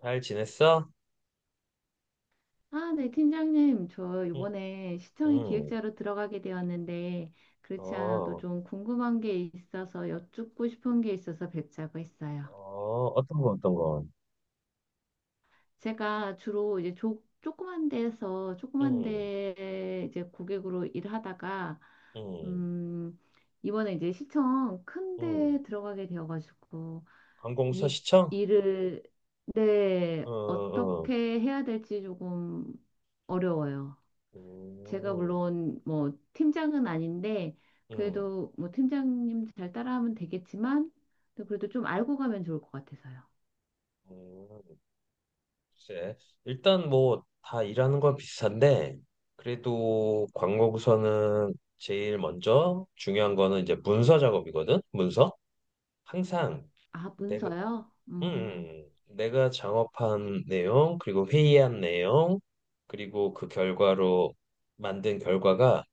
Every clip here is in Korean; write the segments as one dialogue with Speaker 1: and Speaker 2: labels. Speaker 1: 잘 지냈어?
Speaker 2: 아, 네, 팀장님. 저
Speaker 1: 응,
Speaker 2: 이번에 시청의
Speaker 1: 응.
Speaker 2: 기획자로 들어가게 되었는데, 그렇지 않아도
Speaker 1: 어,
Speaker 2: 좀 궁금한 게 있어서 여쭙고 싶은 게 있어서 뵙자고 했어요.
Speaker 1: 어떤 거, 어떤 거?
Speaker 2: 제가 주로 이제 조그만 데에서, 조그만
Speaker 1: 응,
Speaker 2: 데 이제 고객으로 일하다가,
Speaker 1: 응,
Speaker 2: 음, 이번에 이제 시청 큰
Speaker 1: 응.
Speaker 2: 데 들어가게 되어가지고,
Speaker 1: 관공서
Speaker 2: 이
Speaker 1: 시청?
Speaker 2: 일을,
Speaker 1: 응,
Speaker 2: 네,
Speaker 1: 응,
Speaker 2: 어떻게 해야 될지 조금 어려워요. 제가
Speaker 1: 응,
Speaker 2: 물론 뭐 팀장은 아닌데
Speaker 1: 응,
Speaker 2: 그래도 뭐 팀장님 잘 따라하면 되겠지만 또 그래도 좀 알고 가면 좋을 것 같아서요.
Speaker 1: 응. 글쎄, 일단 뭐 다 일하는 건 비슷한데, 그래도 관공서는 제일 먼저 중요한 거는 이제 문서 작업이거든? 문서? 항상
Speaker 2: 아,
Speaker 1: 내가,
Speaker 2: 문서요? 음.
Speaker 1: 내가 작업한 내용, 그리고 회의한 내용, 그리고 그 결과로 만든 결과가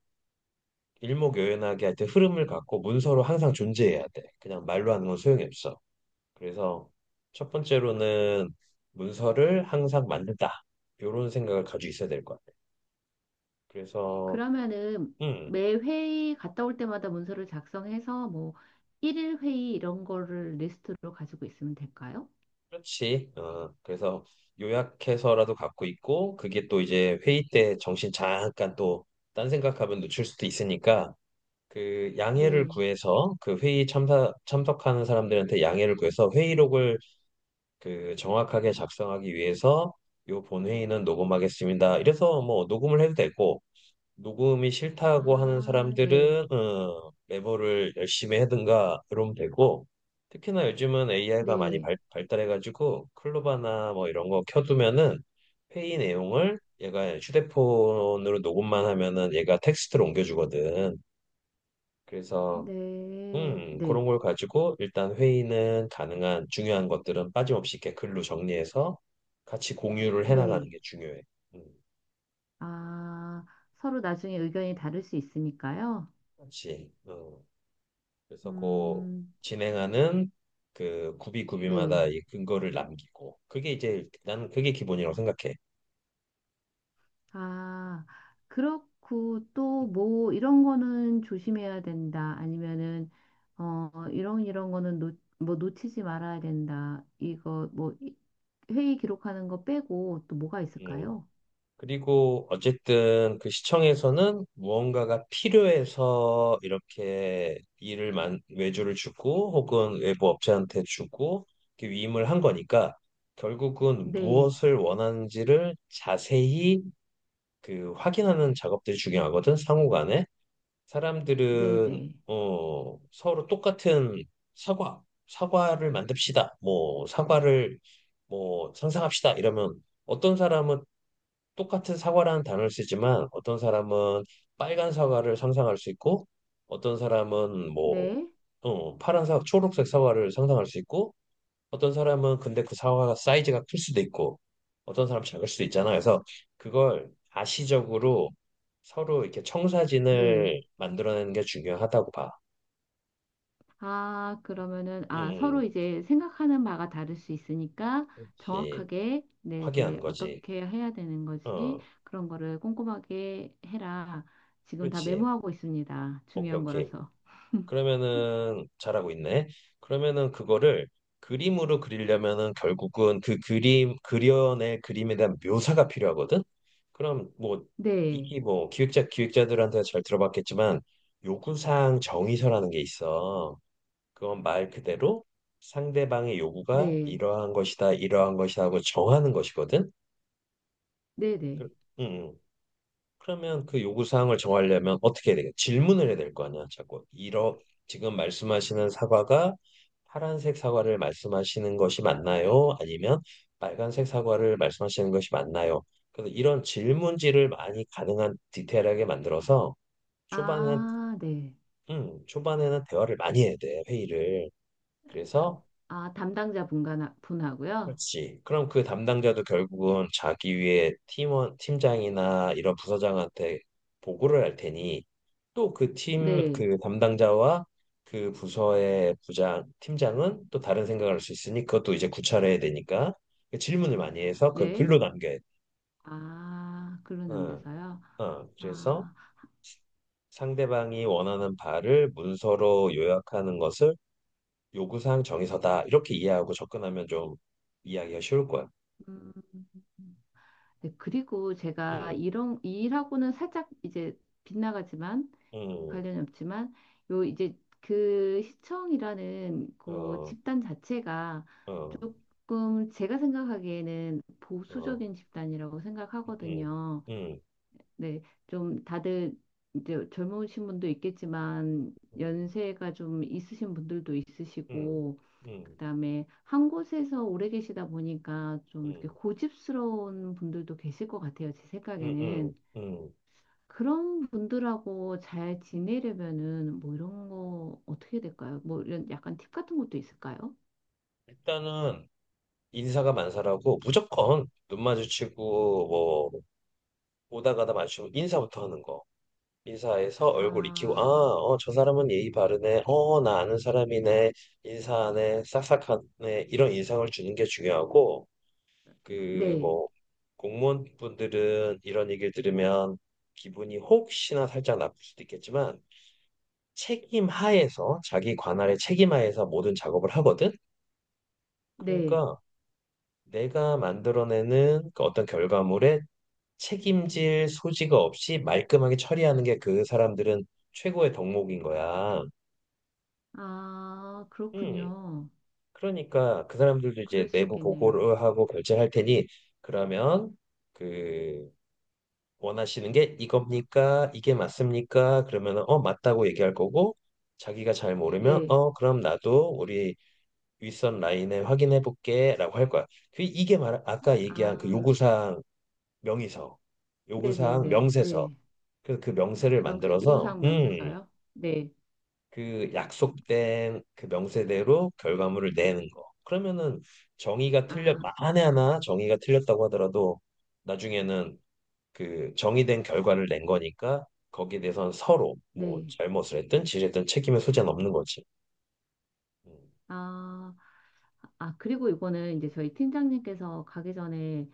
Speaker 1: 일목요연하게 하여튼 흐름을 갖고 문서로 항상 존재해야 돼. 그냥 말로 하는 건 소용이 없어. 그래서 첫 번째로는 문서를 항상 만든다. 이런 생각을 가지고 있어야 될 것 같아. 그래서,
Speaker 2: 그러면은
Speaker 1: 음,
Speaker 2: 매 회의 갔다 올 때마다 문서를 작성해서 뭐 일일 회의 이런 거를 리스트로 가지고 있으면 될까요?
Speaker 1: 그렇지. 그래서 요약해서라도 갖고 있고, 그게 또 이제 회의 때 정신 잠깐 또 딴 생각하면 놓칠 수도 있으니까 그 양해를
Speaker 2: 네.
Speaker 1: 구해서 그 회의 참석하는 사람들한테 양해를 구해서 회의록을 그 정확하게 작성하기 위해서 요 본회의는 녹음하겠습니다. 이래서 뭐 녹음을 해도 되고 녹음이 싫다고 하는
Speaker 2: 아, 네.
Speaker 1: 사람들은 메모를 열심히 하든가 이러면 되고, 특히나 요즘은 AI가 많이
Speaker 2: 네.
Speaker 1: 발달해가지고 클로바나 뭐 이런 거 켜두면은 회의 내용을 얘가 휴대폰으로 녹음만 하면은 얘가 텍스트로 옮겨주거든. 그래서
Speaker 2: 네. 네.
Speaker 1: 그런 걸 가지고 일단 회의는 가능한 중요한 것들은 빠짐없이 이렇게 글로 정리해서 같이 공유를 해나가는
Speaker 2: 네.
Speaker 1: 게 중요해. 음,
Speaker 2: 아, 서로 나중에 의견이 다를 수 있으니까요.
Speaker 1: 같이. 어. 그래서 그
Speaker 2: 음.
Speaker 1: 진행하는 그 구비구비마다
Speaker 2: 네.
Speaker 1: 이 근거를 남기고 그게 이제 나는 그게 기본이라고 생각해.
Speaker 2: 아, 그렇고
Speaker 1: 음.
Speaker 2: 또 뭐 이런 거는 조심해야 된다. 아니면은 이런 거는 뭐 놓치지 말아야 된다. 이거 뭐 회의 기록하는 거 빼고 또 뭐가
Speaker 1: 음.
Speaker 2: 있을까요?
Speaker 1: 그리고 어쨌든 그 시청에서는 무언가가 필요해서 이렇게 일을 외주를 주고 혹은 외부 업체한테 주고 이렇게 위임을 한 거니까 결국은
Speaker 2: 네.
Speaker 1: 무엇을 원하는지를 자세히 그 확인하는 작업들이 중요하거든, 상호 간에.
Speaker 2: 네,
Speaker 1: 사람들은
Speaker 2: 네.
Speaker 1: 서로 똑같은 사과를 만듭시다. 뭐 사과를 뭐 상상합시다. 이러면 어떤 사람은 똑같은 사과라는 단어를 쓰지만 어떤 사람은 빨간 사과를 상상할 수 있고, 어떤 사람은 뭐
Speaker 2: 네.
Speaker 1: 파란 사과, 초록색 사과를 상상할 수 있고, 어떤 사람은 근데 그 사과가 사이즈가 클 수도 있고 어떤 사람 작을 수도 있잖아. 그래서 그걸 가시적으로 서로 이렇게
Speaker 2: 네.
Speaker 1: 청사진을 만들어내는 게 중요하다고 봐.
Speaker 2: 아, 그러면은,
Speaker 1: 음,
Speaker 2: 아, 서로
Speaker 1: 음.
Speaker 2: 이제 생각하는 바가 다를 수 있으니까
Speaker 1: 그렇지.
Speaker 2: 정확하게,
Speaker 1: 확인하는
Speaker 2: 네네,
Speaker 1: 거지.
Speaker 2: 어떻게 해야 되는 거지?
Speaker 1: 어,
Speaker 2: 그런 거를 꼼꼼하게 해라. 지금 다
Speaker 1: 그렇지.
Speaker 2: 메모하고 있습니다.
Speaker 1: 오케이,
Speaker 2: 중요한
Speaker 1: 오케이.
Speaker 2: 거라서.
Speaker 1: 그러면은 잘하고 있네. 그러면은 그거를 그림으로 그리려면은 결국은 그 그림 그려낸 그림에 대한 묘사가 필요하거든. 그럼 뭐
Speaker 2: 네,
Speaker 1: 이게 뭐 기획자들한테 잘 들어봤겠지만 요구사항 정의서라는 게 있어. 그건 말 그대로 상대방의 요구가
Speaker 2: 네,
Speaker 1: 이러한 것이다, 이러한 것이다 하고 정하는 것이거든. 그-
Speaker 2: 네네.
Speaker 1: 음. 그러면 그 요구 사항을 정하려면 어떻게 해야 되겠 질문을 해야 될 거 아니야, 자꾸. 이러 지금 말씀하시는 사과가 파란색 사과를 말씀하시는 것이 맞나요? 아니면 빨간색 사과를 말씀하시는 것이 맞나요? 그래서 이런 질문지를 많이 가능한 디테일하게 만들어서 초반에
Speaker 2: 아, 네.
Speaker 1: 초반에는 대화를 많이 해야 돼, 회의를. 그래서
Speaker 2: 아, 담당자 분간 분하고요.
Speaker 1: 그렇지. 그럼 그 담당자도 결국은 자기 위에 팀원, 팀장이나 이런 부서장한테 보고를 할 테니 또
Speaker 2: 네,
Speaker 1: 그 담당자와 그 부서의 부장, 팀장은 또 다른 생각을 할 수 있으니 그것도 이제 구차해야 되니까 그 질문을 많이 해서 그걸
Speaker 2: 네.
Speaker 1: 글로 남겨야 돼.
Speaker 2: 아, 글로
Speaker 1: 어,
Speaker 2: 남겨서요.
Speaker 1: 어. 그래서
Speaker 2: 아,
Speaker 1: 상대방이 원하는 바를 문서로 요약하는 것을 요구사항 정의서다, 이렇게 이해하고 접근하면 좀 이해하기가 쉬울 거야.
Speaker 2: 음. 네, 그리고 제가
Speaker 1: 응,
Speaker 2: 이런 이 일하고는 살짝 이제 빗나가지만
Speaker 1: 응.
Speaker 2: 관련이 없지만 요 이제 그 시청이라는 그
Speaker 1: 어,
Speaker 2: 집단 자체가
Speaker 1: 어,
Speaker 2: 조금 제가 생각하기에는
Speaker 1: 어,
Speaker 2: 보수적인 집단이라고
Speaker 1: 응,
Speaker 2: 생각하거든요.
Speaker 1: 응,
Speaker 2: 네, 좀 다들 이제 젊으신 분도 있겠지만
Speaker 1: 응,
Speaker 2: 연세가 좀 있으신 분들도
Speaker 1: 응,
Speaker 2: 있으시고
Speaker 1: 응,
Speaker 2: 그다음에 한 곳에서 오래 계시다 보니까 좀 이렇게
Speaker 1: 응,
Speaker 2: 고집스러운 분들도 계실 것 같아요. 제
Speaker 1: 응, 응,
Speaker 2: 생각에는
Speaker 1: 응.
Speaker 2: 그런 분들하고 잘 지내려면은 뭐 이런 거 어떻게 될까요? 뭐 이런 약간 팁 같은 것도 있을까요?
Speaker 1: 일단은 인사가 만사라고 무조건 눈 마주치고 뭐 오다 가다 마주치고 인사부터 하는 거. 인사해서 얼굴 익히고 아,
Speaker 2: 아,
Speaker 1: 어, 저 사람은 예의 바르네. 어, 나 아는 사람이네. 인사하네. 싹싹하네. 이런 인상을 주는 게 중요하고, 그
Speaker 2: 네,
Speaker 1: 뭐 공무원분들은 이런 얘기를 들으면 기분이 혹시나 살짝 나쁠 수도 있겠지만 책임 하에서 자기 관할의 책임 하에서 모든 작업을 하거든.
Speaker 2: 네.
Speaker 1: 그러니까 내가 만들어내는 그 어떤 결과물에 책임질 소지가 없이 말끔하게 처리하는 게 그 사람들은 최고의 덕목인 거야.
Speaker 2: 아,
Speaker 1: 음.
Speaker 2: 그렇군요.
Speaker 1: 그러니까 그 사람들도 이제
Speaker 2: 그럴 수
Speaker 1: 내부
Speaker 2: 있겠네요.
Speaker 1: 보고를 하고 결제할 테니, 그러면 그 원하시는 게 이겁니까? 이게 맞습니까? 그러면은 어 맞다고 얘기할 거고, 자기가 잘 모르면
Speaker 2: 네.
Speaker 1: 어 그럼 나도 우리 윗선 라인을 확인해 볼게라고 할 거야. 그 이게 말 아까 얘기한 그
Speaker 2: 아.
Speaker 1: 명의서, 요구사항
Speaker 2: 네네네.
Speaker 1: 명세서.
Speaker 2: 네.
Speaker 1: 그래서 그 명세를
Speaker 2: 명세,
Speaker 1: 만들어서,
Speaker 2: 요구사항 명세서요? 네.
Speaker 1: 그 약속된 그 명세대로 결과물을 내는 거. 그러면은 정의가 틀렸
Speaker 2: 아,
Speaker 1: 만에
Speaker 2: 아,
Speaker 1: 하나 정의가 틀렸다고 하더라도 나중에는 그 정의된 결과를 낸 거니까 거기에 대해서는 서로 뭐
Speaker 2: 네.
Speaker 1: 잘못을 했든 지했든 책임의 소재는 없는 거지. 음,
Speaker 2: 아, 아, 그리고 이거는 이제 저희 팀장님께서 가기 전에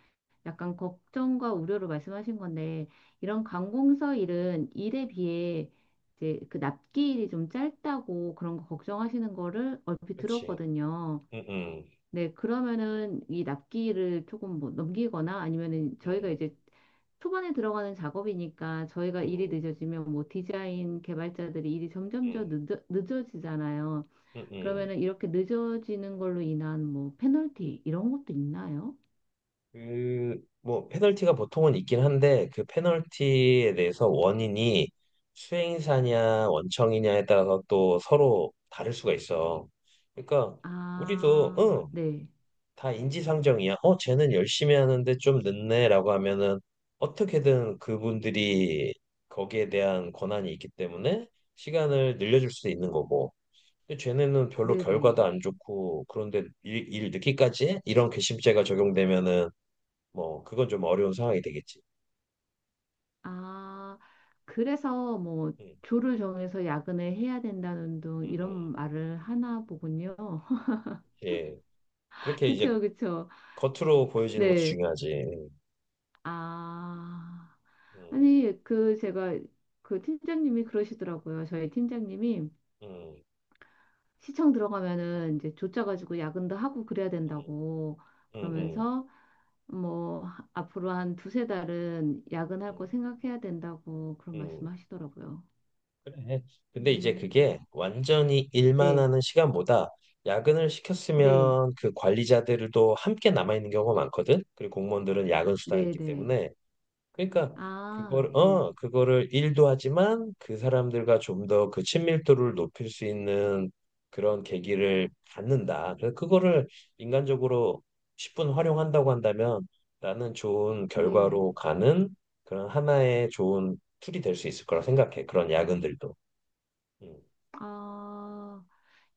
Speaker 2: 약간 걱정과 우려를 말씀하신 건데, 이런 관공서 일은 일에 비해 이제 그 납기일이 좀 짧다고 그런 거 걱정하시는 거를 얼핏
Speaker 1: 그렇지.
Speaker 2: 들었거든요.
Speaker 1: 음, 음,
Speaker 2: 네, 그러면은 이 납기를 조금 뭐 넘기거나 아니면은 저희가
Speaker 1: 음,
Speaker 2: 이제 초반에 들어가는 작업이니까 저희가 일이
Speaker 1: 음,
Speaker 2: 늦어지면 뭐 디자인 개발자들이 일이 점점 더
Speaker 1: 음.
Speaker 2: 늦어지잖아요.
Speaker 1: 음, 음.
Speaker 2: 그러면은 이렇게 늦어지는 걸로 인한 뭐 페널티 이런 것도 있나요?
Speaker 1: 그, 뭐, 페널티가 보통은 있긴 한데, 그 페널티에 대해서 원인이 수행사냐, 원청이냐에 따라서 또 서로 다를 수가 있어. 그러니까, 우리도,
Speaker 2: 아,
Speaker 1: 응,
Speaker 2: 네.
Speaker 1: 다 인지상정이야. 어, 쟤는 열심히 하는데 좀 늦네, 라고 하면은 어떻게든 그분들이 거기에 대한 권한이 있기 때문에 시간을 늘려줄 수 있는 거고. 근데 쟤네는 별로 결과도
Speaker 2: 네네.
Speaker 1: 안 좋고, 그런데 일 늦기까지 해? 이런 괘씸죄가 적용되면은 뭐 그건 좀 어려운 상황이 되겠지.
Speaker 2: 아, 그래서 뭐
Speaker 1: 음,
Speaker 2: 조를 정해서 야근을 해야 된다는 둥
Speaker 1: 음, 음.
Speaker 2: 이런 말을 하나 보군요.
Speaker 1: 예. 그렇게 이제
Speaker 2: 그쵸, 그쵸.
Speaker 1: 겉으로 보여지는 것도
Speaker 2: 네.
Speaker 1: 중요하지.
Speaker 2: 아,
Speaker 1: 음,
Speaker 2: 아니, 그, 제가, 그 팀장님이 그러시더라고요. 저희 팀장님이
Speaker 1: 음,
Speaker 2: 시청 들어가면은 이제 조짜가지고 야근도 하고 그래야
Speaker 1: 음,
Speaker 2: 된다고
Speaker 1: 음, 음,
Speaker 2: 그러면서 뭐, 앞으로 한 두세 달은 야근할 거
Speaker 1: 음,
Speaker 2: 생각해야 된다고 그런 말씀
Speaker 1: 음.
Speaker 2: 하시더라고요.
Speaker 1: 그래. 근데 이제
Speaker 2: 음,
Speaker 1: 그게 완전히 일만
Speaker 2: 네,
Speaker 1: 하는 시간보다, 야근을
Speaker 2: 네,
Speaker 1: 시켰으면 그 관리자들도 함께 남아 있는 경우가 많거든. 그리고 공무원들은 야근 수당이
Speaker 2: 네,
Speaker 1: 있기
Speaker 2: 네.
Speaker 1: 때문에, 그러니까
Speaker 2: 아,
Speaker 1: 그걸
Speaker 2: 네,
Speaker 1: 어 그거를 일도 하지만 그 사람들과 좀 더 그 친밀도를 높일 수 있는 그런 계기를 갖는다. 그래서 그거를 인간적으로 10분 활용한다고 한다면 나는 좋은
Speaker 2: 네.
Speaker 1: 결과로 가는 그런 하나의 좋은 툴이 될 수 있을 거라 생각해, 그런 야근들도. 음.
Speaker 2: 아,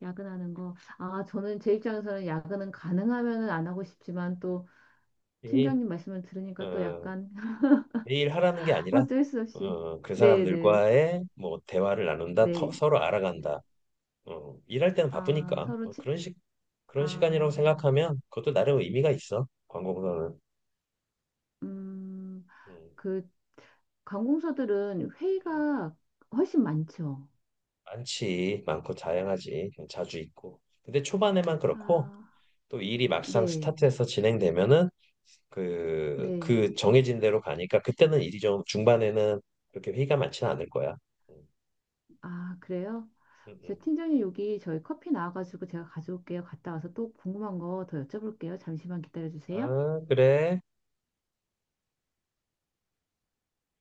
Speaker 2: 야근하는 거. 아, 저는 제 입장에서는 야근은 가능하면은 안 하고 싶지만 또
Speaker 1: 이,
Speaker 2: 팀장님 말씀을 들으니까 또
Speaker 1: 어,
Speaker 2: 약간
Speaker 1: 매일 하라는 게 아니라
Speaker 2: 어쩔 수 없이
Speaker 1: 그
Speaker 2: 네네
Speaker 1: 사람들과의 뭐 대화를 나눈다, 더,
Speaker 2: 네.
Speaker 1: 서로 알아간다. 일할 때는
Speaker 2: 아
Speaker 1: 바쁘니까
Speaker 2: 서로
Speaker 1: 그런 식 그런 시간이라고
Speaker 2: 아,
Speaker 1: 생각하면 그것도 나름 의미가 있어. 광고보다는.
Speaker 2: 음,
Speaker 1: 음,
Speaker 2: 그 관공서들은
Speaker 1: 음.
Speaker 2: 회의가 훨씬 많죠.
Speaker 1: 많지 많고 다양하지 자주 있고. 근데 초반에만 그렇고
Speaker 2: 아,
Speaker 1: 또 일이 막상
Speaker 2: 네,
Speaker 1: 스타트해서 진행되면은 그
Speaker 2: 네.
Speaker 1: 그 정해진 대로 가니까 그때는 일이 좀 중반에는 그렇게 회의가 많지는 않을 거야. 음,
Speaker 2: 아, 그래요?
Speaker 1: 음,
Speaker 2: 저
Speaker 1: 음.
Speaker 2: 팀장님 여기 저희 커피 나와가지고 제가 가져올게요. 갔다 와서 또 궁금한 거 더 여쭤볼게요. 잠시만 기다려주세요.
Speaker 1: 아, 그래.